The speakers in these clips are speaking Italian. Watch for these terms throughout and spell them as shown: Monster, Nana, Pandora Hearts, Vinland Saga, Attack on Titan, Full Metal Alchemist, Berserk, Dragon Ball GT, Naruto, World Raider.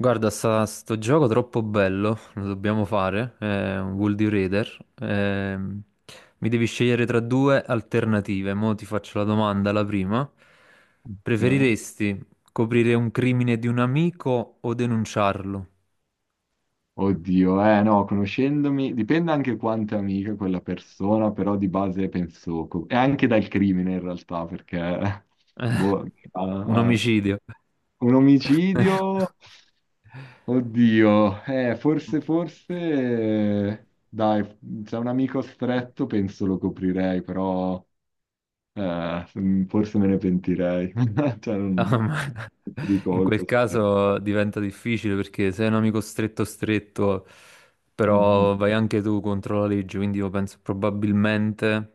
Guarda, sto gioco troppo bello, lo dobbiamo fare, è un World Raider. Mi devi scegliere tra due alternative. Mo' ti faccio la domanda, la prima. Ok. Preferiresti coprire un crimine di un amico o denunciarlo? Oddio, eh no, conoscendomi, dipende anche quanto è amica quella persona, però di base penso, e anche dal crimine in realtà, perché boh, Un ah, ah. omicidio. Un omicidio, oddio, forse, forse, dai, se è un amico stretto penso lo coprirei, però forse me ne pentirei, cioè Ah, ma di in quel colpa ci sarebbe. caso diventa difficile perché sei un amico stretto stretto, Mhm, però vai anche tu contro la legge, quindi io penso probabilmente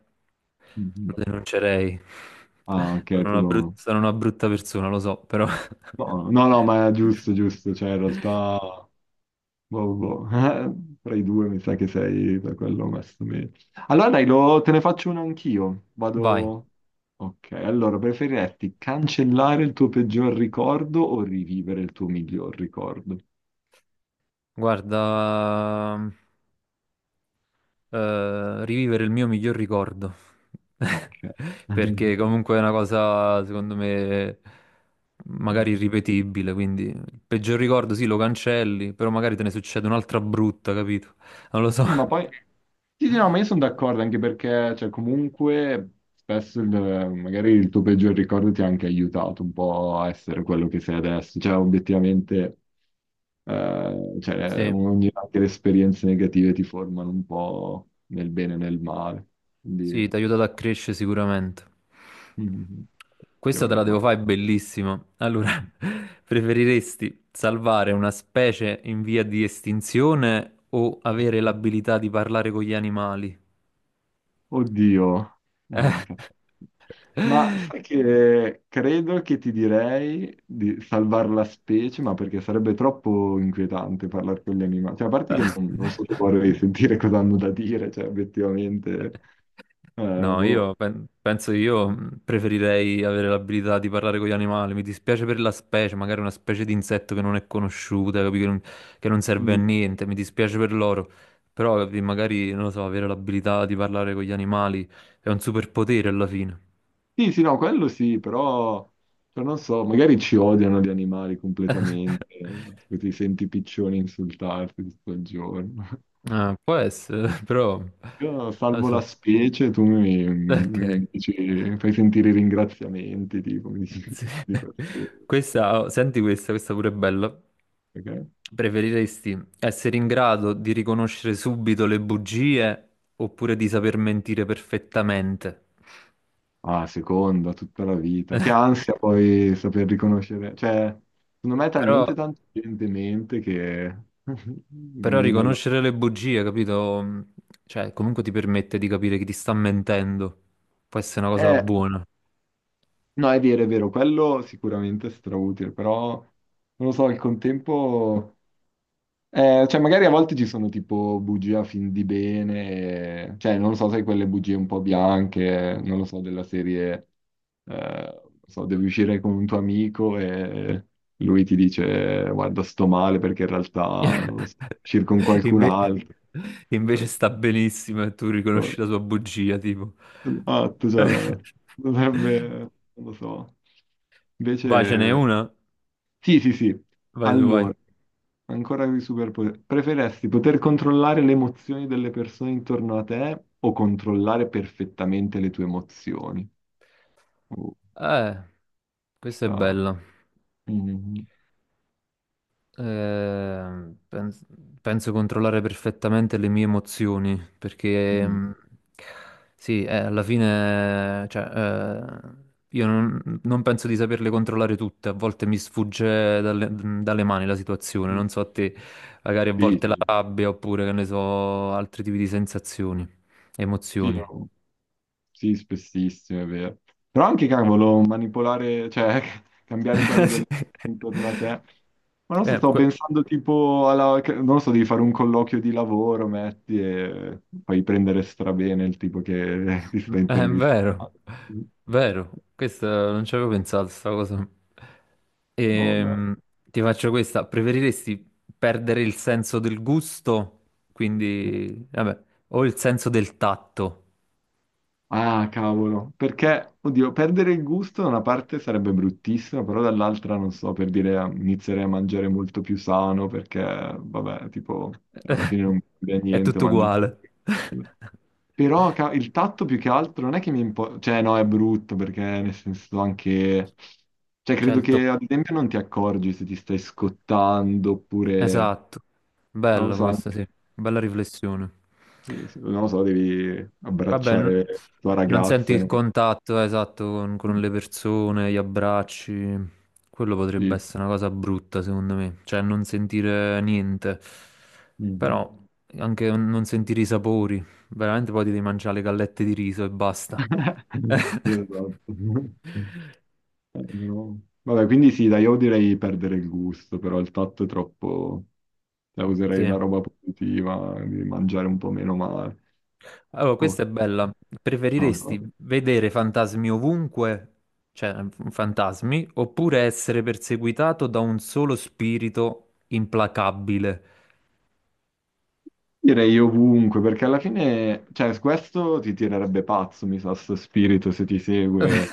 lo mhm. denuncerei. Ah, ok, Sono tu una brut- lo... sono una brutta persona, lo so, però... No, no, no, ma è giusto, giusto, cioè in realtà, boh, boh, tra i due mi sa che sei da quello messo meglio. Allora dai, te ne faccio una anch'io, Vai, vado... Ok, allora, preferiresti cancellare il tuo peggior ricordo o rivivere il tuo miglior ricordo? guarda... rivivere il mio miglior ricordo. Ok. Perché comunque è una cosa, secondo me, magari irripetibile. Quindi il peggior ricordo sì, lo cancelli, però magari te ne succede un'altra brutta, capito? Non lo so. Sì, ma poi... Sì, sì, no, ma io sono d'accordo anche perché, cioè, comunque, spesso magari il tuo peggior ricordo ti ha anche aiutato un po' a essere quello che sei adesso. Cioè, obiettivamente, cioè, Sì. Anche le esperienze negative ti formano un po' nel bene e nel male. Quindi, Sì, ti ha aiutato a crescere sicuramente. mm, ti Questa te la devo ricordo. fare, è bellissima. Allora, preferiresti salvare una specie in via di estinzione o avere l'abilità di parlare con gli animali? Oddio. Ah, cazzo. Ma sai che credo che ti direi di salvare la specie, ma perché sarebbe troppo inquietante parlare con gli animali. Cioè, a parte Eh. che non, non so se vorrei sentire cosa hanno da dire, cioè, obiettivamente. eh, No, io boh. penso che io preferirei avere l'abilità di parlare con gli animali. Mi dispiace per la specie, magari una specie di insetto che non è conosciuta, capi? Che non serve a Mm. niente. Mi dispiace per loro. Però, capi, magari, non lo so, avere l'abilità di parlare con gli animali è un superpotere alla fine. Sì, sì, no, quello sì, però cioè, non so, magari ci odiano gli animali completamente, ti senti i piccioni insultarti tutto il giorno. Ah, può essere, però... Non Io lo salvo la so. specie, tu mi, Ok. mi dici- fai sentire i ringraziamenti, tipo, mi dici- di Sì. questi- Questa, oh, senti questa, questa pure è bella. ok? Preferiresti essere in grado di riconoscere subito le bugie oppure di saper mentire perfettamente? Ah, seconda, tutta la vita. Che ansia poi saper riconoscere. Cioè, secondo me è Però, talmente tanto gente in mente che però vivi nella... riconoscere le bugie, capito? Cioè, comunque ti permette di capire chi ti sta mentendo. Può essere una cosa Eh, buona. no, è vero, quello sicuramente è strautile, però non lo so, al contempo... Cioè, magari a volte ci sono tipo bugie a fin di bene, cioè, non lo so, sai, quelle bugie un po' bianche, non lo so, della serie, non so, devi uscire con un tuo amico e lui ti dice, guarda, sto male perché in realtà, non lo so, uscire con qualcun Inve- altro. invece sta benissimo e tu Eh, riconosci la sua bugia, tipo. Esatto, cioè, dovrebbe, non lo so. Vai, ce n'è Invece... una? Sì, sì, sì. Vai tu, vai. Allora, ancora i superpoteri. Preferesti poter controllare le emozioni delle persone intorno a te o controllare perfettamente le tue emozioni? Oh, Eh, questa è sta... bella. Mm, Eh, pens- penso controllare perfettamente le mie emozioni perché mm. Sì, alla fine, cioè, io non penso di saperle controllare tutte, a volte mi sfugge dalle mani la situazione, Mm. non so a te, magari a Sì, volte la sì, rabbia oppure che ne so, altri tipi di sensazioni, sì, sì, emozioni. no. Sì, spessissimo, è vero. Però anche, cavolo, manipolare, cioè, cambiare quello intorno a te. Ma non so, Eh, stavo que- pensando tipo alla... Non lo so, devi fare un colloquio di lavoro, metti, e fai prendere strabene il tipo che ti sta È vero, intervistando. Mm. vero, questo non ci avevo pensato, sta cosa. Oh, beh. Ehm, Ti faccio questa, preferiresti perdere il senso del gusto, eh. quindi, vabbè, o il senso del tatto? Ah, cavolo, perché, oddio, perdere il gusto da una parte sarebbe bruttissimo, però dall'altra, non so, per dire, inizierei a mangiare molto più sano, perché, vabbè, tipo, alla fine non cambia È niente, tutto mangio... uguale. solo. Però il tatto più che altro non è che mi importa, cioè no, è brutto, perché nel senso anche... Cioè, C'è credo il tocco, che, ad esempio, non ti accorgi se ti stai scottando, oppure, esatto, non lo bello so, questo, sì, bella riflessione. sì, sì, non lo so, devi Vabbè, abbracciare la tua non senti ragazza e il non... contatto esatto con, Sì, con le persone, gli abbracci. Quello potrebbe sì. essere una cosa brutta, secondo me. Cioè, non sentire niente. Mm. Però anche non sentire i sapori. Veramente poi ti devi mangiare le gallette di riso e basta. Esatto. No. Vabbè, quindi sì, dai, io direi perdere il gusto, però il tatto è troppo... Cioè, userei Sì. la roba positiva, di mangiare un po' meno male. Allora, questa Ok. è bella. No, vabbè. Preferiresti vedere fantasmi ovunque, cioè fantasmi, oppure essere perseguitato da un solo spirito implacabile? Direi ovunque, perché alla fine, cioè, su questo ti tirerebbe pazzo, mi sa, sto spirito, se ti segue.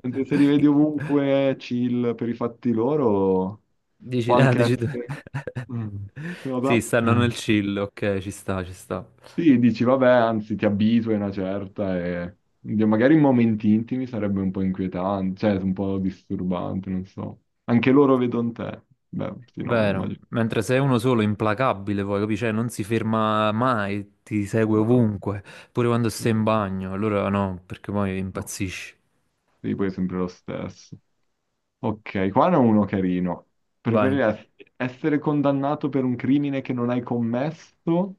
Mentre se li vedi ovunque, chill per i fatti loro, Dici, può ah, anche dici tu. essere... Mm. Cosa? Sì, stanno Mm. nel chill, ok, ci sta, ci sta. Sì, dici, vabbè, anzi, ti avviso, è una certa, e oddio, magari in momenti intimi sarebbe un po' inquietante, cioè un po' disturbante, non so. Anche loro vedono te. Beh, sì, no, beh, Vero, immagino. mentre se è uno solo implacabile, poi capisci, cioè, non si ferma mai, ti segue No, no, ovunque, pure quando sì, stai in bagno, allora no, perché poi no. impazzisci. Sì, poi è sempre lo stesso. Ok, qua ne ho uno carino. Vai. Preferiresti essere condannato per un crimine che non hai commesso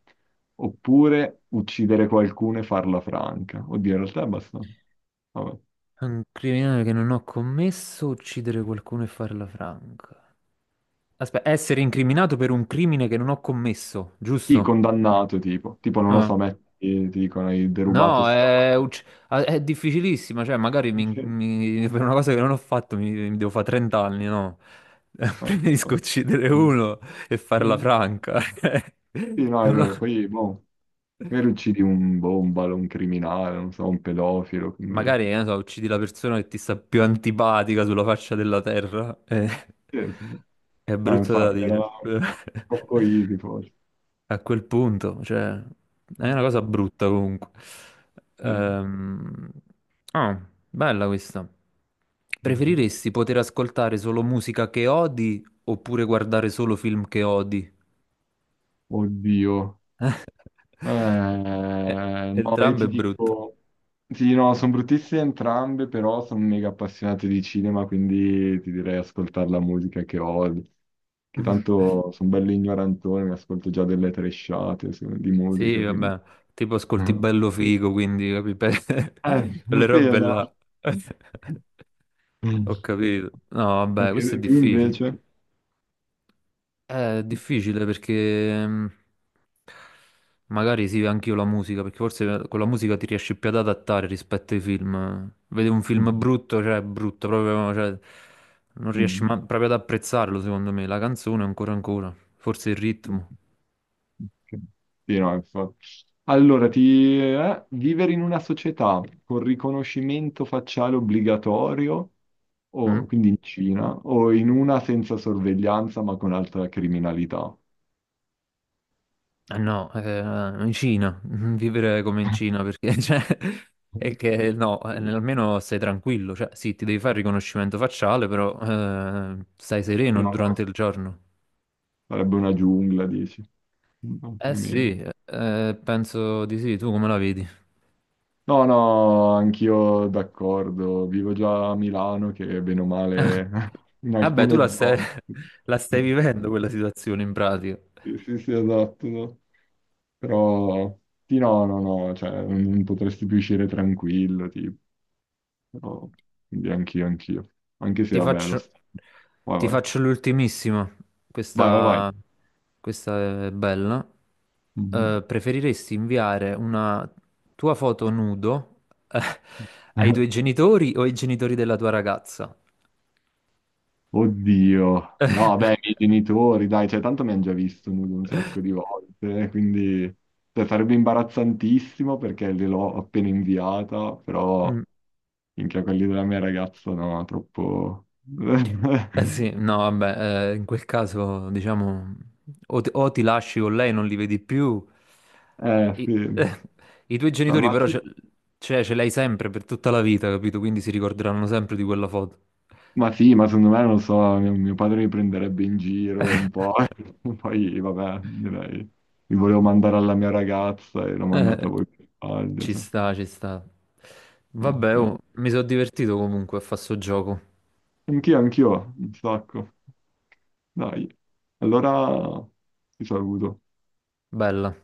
oppure uccidere qualcuno e farla franca? Oddio, in realtà è abbastanza... Vabbè. Un criminale che non ho commesso, uccidere qualcuno e farla franca. Aspetta, essere incriminato per un crimine che non ho commesso, Sì, giusto? condannato tipo, non lo Ah. so, metti, ti dicono hai derubato No, sta... roba. È difficilissima, cioè magari Sì, per una cosa che non ho fatto mi devo fare 30 anni, no? no, Preferisco no. uccidere Mm. uno e farla franca. Sì, no, è No, vero, poi boh, magari uccidi un bombalo, un criminale, non so, un pedofilo, quindi... magari, che ne so, uccidi la persona che ti sta più antipatica sulla faccia della terra. Sì, sì. È No, brutto da infatti era dire. troppo easy forse. A quel punto, cioè, è una cosa brutta comunque. Sì. Ehm, Ah, bella questa. Mhm. Preferiresti poter ascoltare solo musica che odi oppure guardare solo film che odi? Oddio. Eh, Eh, no, io ti Entrambe brutte. dico, sì, no, sono bruttissime entrambe, però sono mega appassionato di cinema, quindi ti direi ascoltare la musica che odio, che tanto sono bello ignorantone, mi ascolto già delle tresciate di Sì, musica, quindi... vabbè, tipo ascolti bello figo, quindi capi? Per- Eh, Quelle sì, robe no. là. Ho capito. No, vabbè, questo è Anche tu difficile. invece? È difficile perché mm, magari sì, anche io la musica, perché forse con la musica ti riesci più ad adattare rispetto ai film. Vedi un Mm. film brutto, cioè è brutto, proprio, cioè, non riesci Mm. Proprio ad apprezzarlo, secondo me. La canzone ancora ancora, forse il ritmo. Ok. Sì, no, infatti. Allora, vivere in una società con riconoscimento facciale obbligatorio, o, Mm? quindi in Cina, o in una senza sorveglianza ma con alta criminalità. Ah, no, in Cina, vivere come in Cina perché cioè, è che no, Sì, almeno stai tranquillo, cioè sì, ti devi fare il riconoscimento facciale, però stai sereno no, però durante il giorno. sarebbe una giungla, dici. Eh Altrimenti. sì, penso di sì, tu come la vedi? No, no, anch'io d'accordo. Vivo già a Milano, che bene o Ah, male in vabbè, tu alcune la stai, zone. la stai vivendo quella situazione in pratica. Sì, sì, sì, esatto. No. Però sì, no, no, no, cioè non potresti più uscire tranquillo, tipo. Però, quindi anch'io, anch'io. Anche se, Ti vabbè, faccio, Vai, ti vai. faccio l'ultimissima. Vai, vai, vai. Questa, questa è bella. Mhm. Preferiresti inviare una tua foto nudo, eh, ai tuoi genitori o ai genitori della tua ragazza? Oddio. No, vabbè, i miei genitori, dai, cioè, tanto mi hanno già visto nudo un sacco di volte, quindi cioè, sarebbe imbarazzantissimo perché gliel'ho appena inviata, però Mm, minchia, quelli della mia ragazza no, troppo... eh sì, no, vabbè, in quel caso, diciamo, o ti lasci con lei, non li vedi più. I, sì. eh, i tuoi Cioè, al genitori però massimo... cioè, ce l'hai sempre per tutta la vita, capito? Quindi si ricorderanno sempre di quella foto. Ma sì, ma secondo me, non lo so, mio padre mi prenderebbe in giro un po', e poi vabbè, direi, mi volevo mandare alla mia ragazza e l'ho mandata Eh, voi per sbaglio, Ci cioè, sta, ci sta. no, Vabbè, oh, no. mi sono divertito comunque a fare sto gioco. Anch'io, anch'io, un sacco. Dai, allora ti saluto. Bella.